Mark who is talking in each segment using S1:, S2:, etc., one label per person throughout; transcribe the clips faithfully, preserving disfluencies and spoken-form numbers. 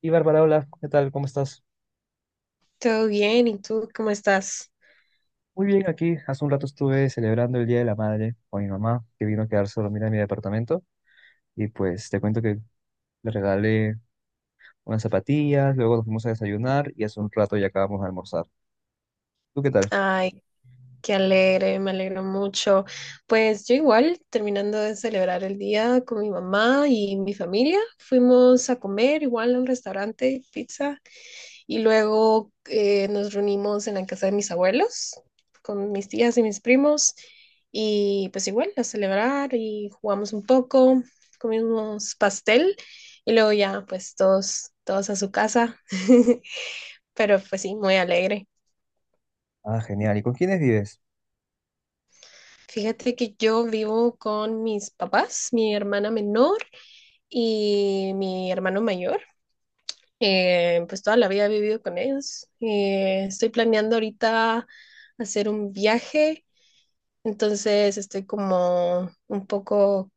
S1: Y Bárbara, hola, ¿qué tal? ¿Cómo estás?
S2: Todo bien, ¿y tú cómo estás?
S1: Muy bien, aquí hace un rato estuve celebrando el Día de la Madre con mi mamá, que vino a quedarse a dormir en mi departamento. Y pues te cuento que le regalé unas zapatillas, luego nos fuimos a desayunar y hace un rato ya acabamos de almorzar. ¿Tú qué tal?
S2: Ay, qué alegre, me alegro mucho. Pues yo igual, terminando de celebrar el día con mi mamá y mi familia, fuimos a comer igual a un restaurante, pizza, y luego eh, nos reunimos en la casa de mis abuelos, con mis tías y mis primos, y pues igual a celebrar y jugamos un poco, comimos pastel, y luego ya pues todos, todos a su casa, pero pues sí, muy alegre.
S1: Ah, genial. ¿Y con quiénes vives?
S2: Fíjate que yo vivo con mis papás, mi hermana menor y mi hermano mayor. Eh, pues toda la vida he vivido con ellos. Eh, estoy planeando ahorita hacer un viaje, entonces estoy como un poco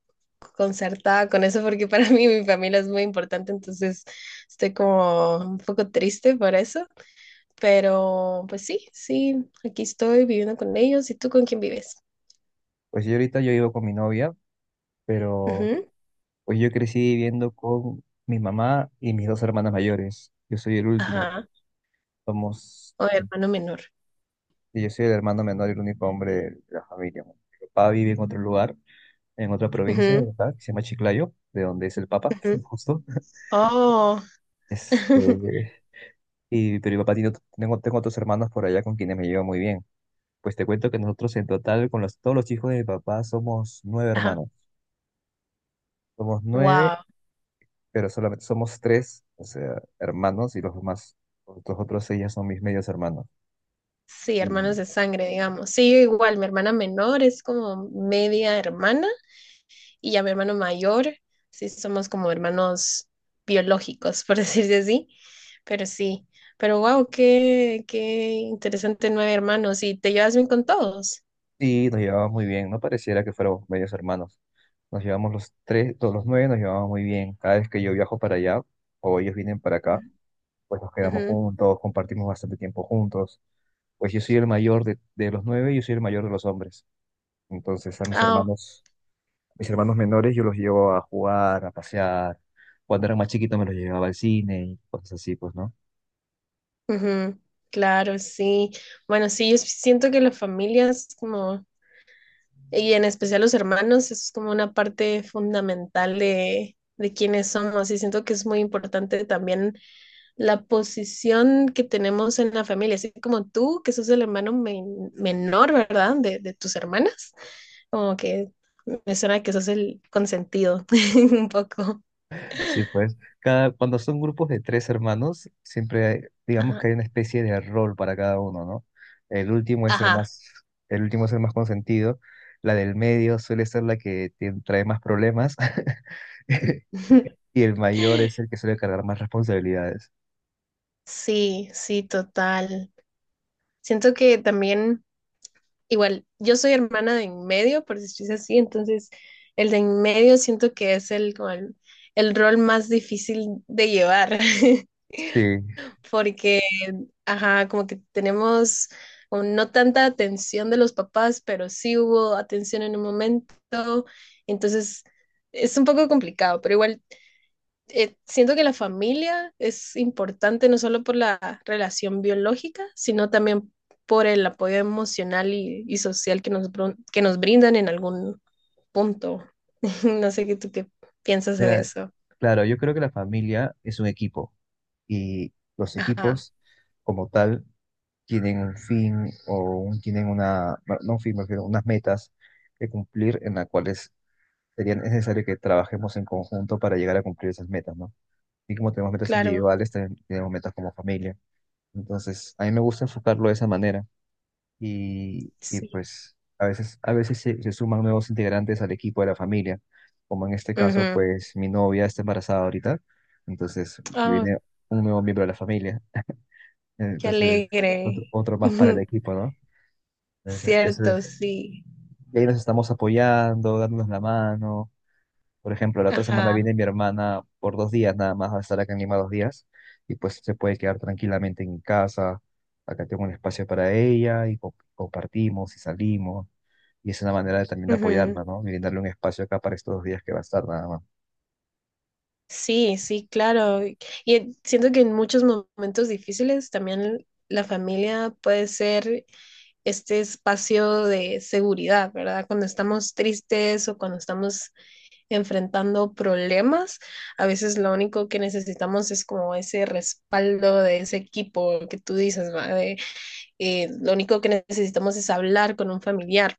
S2: concertada con eso porque para mí mi familia es muy importante, entonces estoy como un poco triste por eso. Pero pues sí, sí, aquí estoy viviendo con ellos. ¿Y tú con quién vives?
S1: Pues yo ahorita yo vivo con mi novia, pero
S2: Ujú.
S1: pues yo crecí viviendo con mi mamá y mis dos hermanas mayores. Yo soy el último.
S2: Ajá.
S1: Somos,
S2: O hermano menor.
S1: y yo soy el hermano menor y el único hombre de la familia. Mi papá vive en otro lugar en otra provincia de
S2: Ujú,
S1: acá, que se llama Chiclayo, de donde es el Papa,
S2: ujú.
S1: justo.
S2: Oh.
S1: Este, y, pero mi papá tiene, ot- tengo, tengo otros hermanos por allá con quienes me llevo muy bien. Pues te cuento que nosotros en total, con los, todos los hijos de mi papá, somos nueve
S2: Ajá.
S1: hermanos. Somos nueve,
S2: Wow.
S1: pero solamente somos tres, o sea, hermanos, y los demás, los otros seis ya son mis medios hermanos.
S2: Sí, hermanos
S1: Y,
S2: de sangre, digamos. Sí, yo igual, mi hermana menor es como media hermana y ya mi hermano mayor, sí, somos como hermanos biológicos, por decirse así. Pero sí, pero wow, qué, qué interesante nueve hermanos y te llevas bien con todos.
S1: y nos llevamos muy bien, no pareciera que fuéramos medios hermanos. Nos llevamos los tres, todos los nueve nos llevamos muy bien. Cada vez que yo viajo para allá, o ellos vienen para acá, pues nos quedamos
S2: Ujú.
S1: juntos, compartimos bastante tiempo juntos. Pues yo soy el mayor de, de los nueve, yo soy el mayor de los hombres. Entonces a mis
S2: Ah,
S1: hermanos, mis hermanos menores yo los llevo a jugar, a pasear. Cuando eran más chiquitos me los llevaba al cine y cosas así, pues, ¿no?
S2: ujú. Claro, sí. Bueno, sí, yo siento que las familias como Y en especial los hermanos, eso es como una parte fundamental de, de quiénes somos. Y siento que es muy importante también la posición que tenemos en la familia. Así como tú, que sos el hermano men- menor, ¿verdad? De, de tus hermanas. Como que me suena que sos el consentido un poco.
S1: Sí, pues, cada, cuando son grupos de tres hermanos, siempre hay- digamos que
S2: Ajá.
S1: hay una especie de rol para cada uno, ¿no? El último es el
S2: Ajá.
S1: más, el último es el más consentido. La del medio suele ser la que te trae más problemas. Y el mayor es el que suele cargar más responsabilidades.
S2: Sí, sí, total. Siento que también igual, yo soy hermana de en medio, por si es así, entonces el de en medio siento que es el, como el, el rol más difícil de llevar,
S1: Sí,
S2: porque, ajá, como que tenemos como no tanta atención de los papás, pero sí hubo atención en un momento, entonces es un poco complicado, pero igual eh, siento que la familia es importante no solo por la relación biológica, sino también por el apoyo emocional y, y social que nos, bron- que nos brindan en algún punto. No sé qué tú qué piensas de
S1: mira,
S2: eso.
S1: claro, yo creo que la familia es un equipo y los
S2: Ajá,
S1: equipos como tal tienen un fin o un- tienen una, no no un fin, me refiero, unas metas que cumplir en las cuales sería necesario que trabajemos en conjunto para llegar a cumplir esas metas, ¿no? Y como tenemos metas
S2: claro,
S1: individuales, también tenemos metas como familia. Entonces, a mí me gusta enfocarlo de esa manera. y, y,
S2: sí.
S1: pues a veces, a veces se, se suman nuevos integrantes al equipo de la familia, como en este caso,
S2: Ujú.
S1: pues mi novia está embarazada ahorita, entonces
S2: Ah,
S1: viene un nuevo miembro de la familia,
S2: qué
S1: entonces otro,
S2: alegre.
S1: otro más para el equipo, ¿no? Entonces, eso es-
S2: Cierto, sí.
S1: y ahí nos estamos apoyando, dándonos la mano. Por ejemplo, la otra semana
S2: Ajá.
S1: viene mi hermana por dos días nada más, va a estar acá en Lima dos días y pues se puede quedar tranquilamente en mi casa. Acá tengo un espacio para ella y co- compartimos y salimos. Y es una manera de- también de
S2: Ujú.
S1: apoyarla, ¿no? Y brindarle un espacio acá para estos dos días que va a estar nada más.
S2: Sí, sí, claro. Y eh, siento que en muchos momentos difíciles también la familia puede ser este espacio de seguridad, ¿verdad? Cuando estamos tristes o cuando estamos enfrentando problemas, a veces lo único que necesitamos es como ese respaldo de ese equipo que tú dices, ¿va? De, eh, lo único que necesitamos es hablar con un familiar,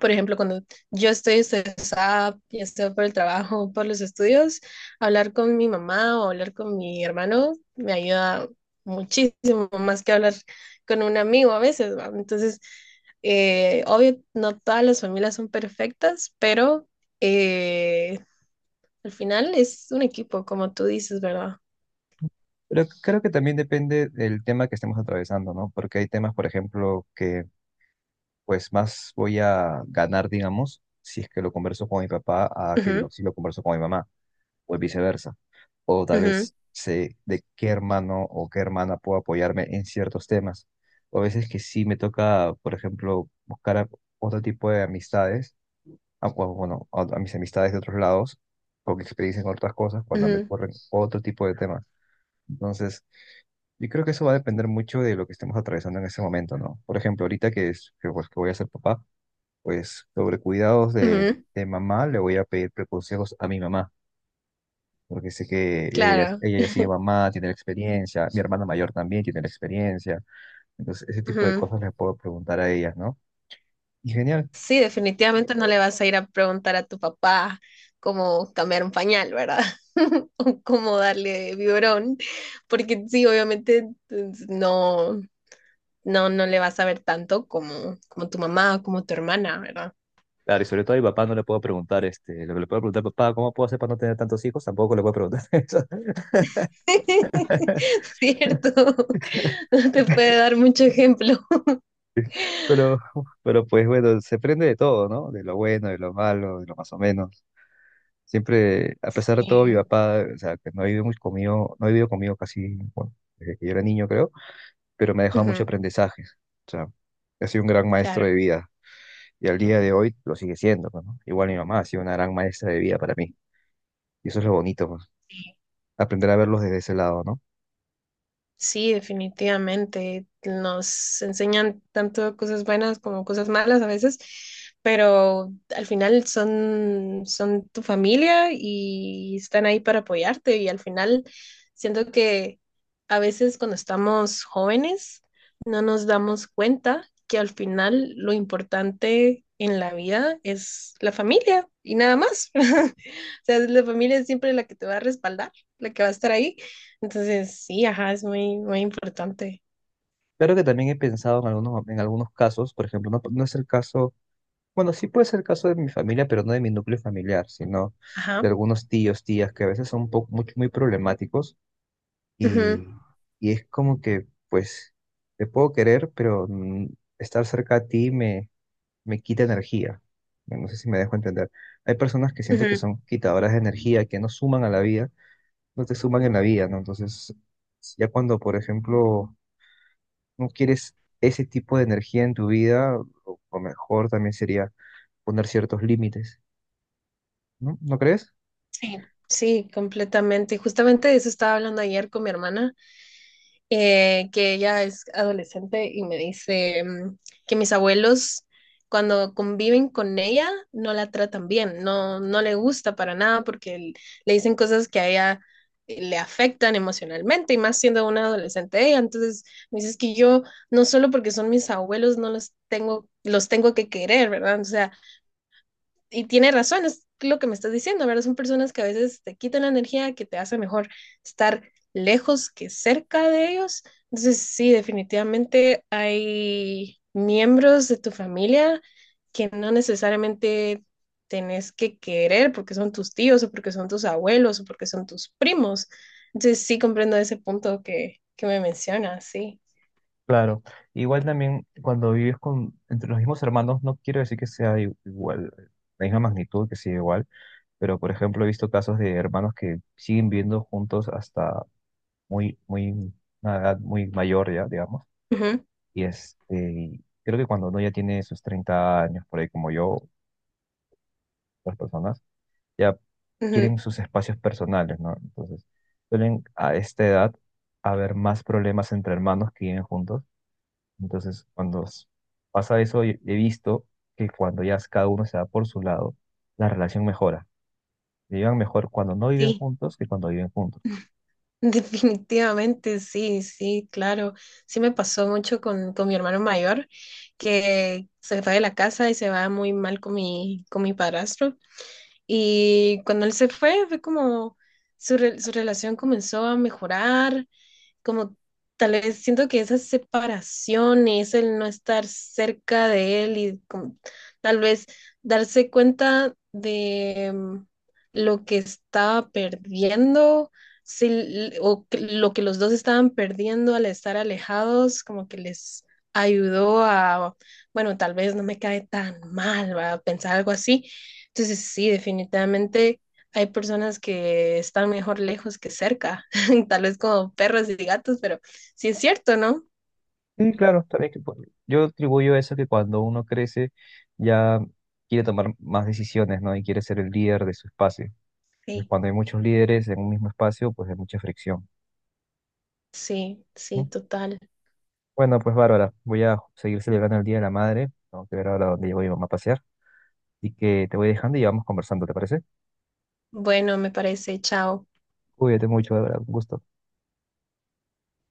S2: por ejemplo, cuando yo estoy estresada, ya estoy por el trabajo, por los estudios, hablar con mi mamá o hablar con mi hermano me ayuda muchísimo más que hablar con un amigo a veces, ¿va? Entonces, eh, obvio, no todas las familias son perfectas, pero eh, al final es un equipo, como tú dices, ¿verdad?
S1: Pero creo que también depende del tema que estemos atravesando, ¿no? Porque hay temas, por ejemplo, que pues más voy a ganar, digamos, si es que lo converso con mi papá, a que lo-
S2: Ujú,
S1: si lo converso con mi mamá, o viceversa. O tal
S2: ujú,
S1: vez sé de qué hermano o qué hermana puedo apoyarme en ciertos temas. O a veces que sí me toca, por ejemplo, buscar a- otro tipo de amistades a, o, bueno, a, a mis amistades de otros lados, con experiencia en otras cosas, cuando me corren otro tipo de temas. Entonces, yo creo que eso va a depender mucho de lo que estemos atravesando en ese momento, ¿no? Por ejemplo, ahorita que, es, que, pues, que voy a ser papá, pues sobre cuidados
S2: ujú,
S1: de,
S2: ujú,
S1: de mamá, le voy a pedir consejos a mi mamá, porque sé que ella, ya-
S2: claro.
S1: ella ya sigue mamá, tiene la experiencia, mi hermana mayor también tiene la experiencia, entonces ese tipo de
S2: Ujú.
S1: cosas les puedo preguntar a ellas, ¿no? Y genial.
S2: Sí, definitivamente no le vas a ir a preguntar a tu papá cómo cambiar un pañal, ¿verdad? O cómo darle biberón, porque sí, obviamente pues, no, no, no le vas a ver tanto como, como tu mamá o como tu hermana, ¿verdad?
S1: Claro, y sobre todo a mi papá no le puedo preguntar, este, lo que le puedo preguntar, papá, ¿cómo puedo hacer para no tener tantos hijos? Tampoco le puedo preguntar eso.
S2: Cierto, no te puede dar mucho ejemplo.
S1: Pero, pero pues bueno, se aprende de todo, ¿no? De lo bueno, de lo malo, de lo más o menos. Siempre, a pesar de
S2: Sí.
S1: todo, mi papá, o sea, que no ha vivido mucho conmigo, no ha vivido conmigo casi, bueno, desde que yo era niño, creo, pero me ha dejado muchos
S2: Ujú,
S1: aprendizajes. O sea, ha sido un gran maestro
S2: claro.
S1: de vida. Y al día de hoy lo sigue siendo, pues, ¿no? Igual mi mamá ha sido una gran maestra de vida para mí. Y eso es lo bonito, pues, aprender a verlos desde ese lado, ¿no?
S2: Sí, definitivamente. Nos enseñan tanto cosas buenas como cosas malas a veces, pero al final son, son tu familia y están ahí para apoyarte. Y al final siento que a veces cuando estamos jóvenes no nos damos cuenta que al final lo importante en la vida es la familia y nada más. O sea, la familia es siempre la que te va a respaldar, la que va a estar ahí. Entonces, sí, ajá, es muy, muy importante.
S1: Claro que también he pensado en algunos, en algunos, casos, por ejemplo, no, no es el caso, bueno, sí puede ser el caso de mi familia, pero no de mi núcleo familiar, sino de
S2: Ajá.
S1: algunos tíos, tías, que a veces son un poco, muy, muy problemáticos
S2: Ujú,
S1: y, y es como que, pues, te puedo querer, pero mm, estar cerca a ti me, me quita energía. No no sé si me dejo entender. Hay personas que siento que
S2: ujú.
S1: son quitadoras de energía, que no suman a la vida, no te suman en la vida, ¿no? Entonces, ya cuando, por ejemplo no quieres ese tipo de energía en tu vida, o, o mejor también sería poner ciertos límites, ¿no? ¿No crees?
S2: Sí, sí, completamente. Justamente de eso estaba hablando ayer con mi hermana, eh, que ella es adolescente y me dice mm, que mis abuelos cuando conviven con ella no la tratan bien, no, no le gusta para nada porque l- le dicen cosas que a ella eh, le afectan emocionalmente y más siendo una adolescente ella. Entonces me dice "Es que yo no solo porque son mis abuelos no los tengo, los tengo que querer, ¿verdad? O sea, y tiene razón, es lo que me estás diciendo, ¿verdad? Son personas que a veces te quitan la energía, que te hace mejor estar lejos que cerca de ellos. Entonces, sí, definitivamente hay miembros de tu familia que no necesariamente tenés que querer porque son tus tíos o porque son tus abuelos o porque son tus primos. Entonces, sí comprendo ese punto que, que me mencionas, sí.
S1: Claro, igual también cuando vives con, entre los mismos hermanos, no quiero decir que sea i- igual, la misma magnitud, que sea igual, pero por ejemplo he visto casos de hermanos que siguen viviendo juntos hasta muy, muy, una edad muy mayor ya, digamos,
S2: Ujú,
S1: y este, y creo que cuando uno ya tiene sus treinta años, por ahí como yo, otras personas, ya
S2: ujú,
S1: quieren sus espacios personales, ¿no? Entonces, suelen a esta edad haber más problemas entre hermanos que viven juntos. Entonces, cuando s- pasa eso, y- he visto que cuando ya cada uno se va por su lado, la relación mejora. Vivan mejor cuando no viven
S2: sí.
S1: juntos que cuando viven juntos.
S2: Definitivamente, sí, sí, claro. Sí me pasó mucho con, con mi hermano mayor, que se fue de la casa y se va muy mal con mi, con mi padrastro. Y cuando él se fue, fue como su, re- su relación comenzó a mejorar, como tal vez siento que esa separación y es el no estar cerca de él y como, tal vez darse cuenta de mm, lo que estaba perdiendo, si l- o que- lo que los dos estaban perdiendo al estar alejados, como que les ayudó a, bueno, tal vez no me cae tan mal, va a pensar algo así. Entonces sí, definitivamente hay personas que están mejor lejos que cerca. Tal vez como perros y gatos, pero sí es cierto, ¿no?
S1: Sí, claro, también que pu- yo atribuyo eso que cuando uno crece ya quiere tomar más decisiones, ¿no? Y quiere ser el líder de su espacio. Entonces,
S2: Sí.
S1: cuando hay muchos líderes en un mismo espacio, pues hay mucha fricción.
S2: Sí, sí, total.
S1: Bueno, pues Bárbara, voy a seguir celebrando el Día de la Madre. Tengo que ver ahora dónde llevo a mi mamá a pasear. Y que te voy dejando y vamos conversando, ¿te parece?
S2: Bueno, me parece, chao.
S1: Cuídate mucho, Bárbara. Un gusto.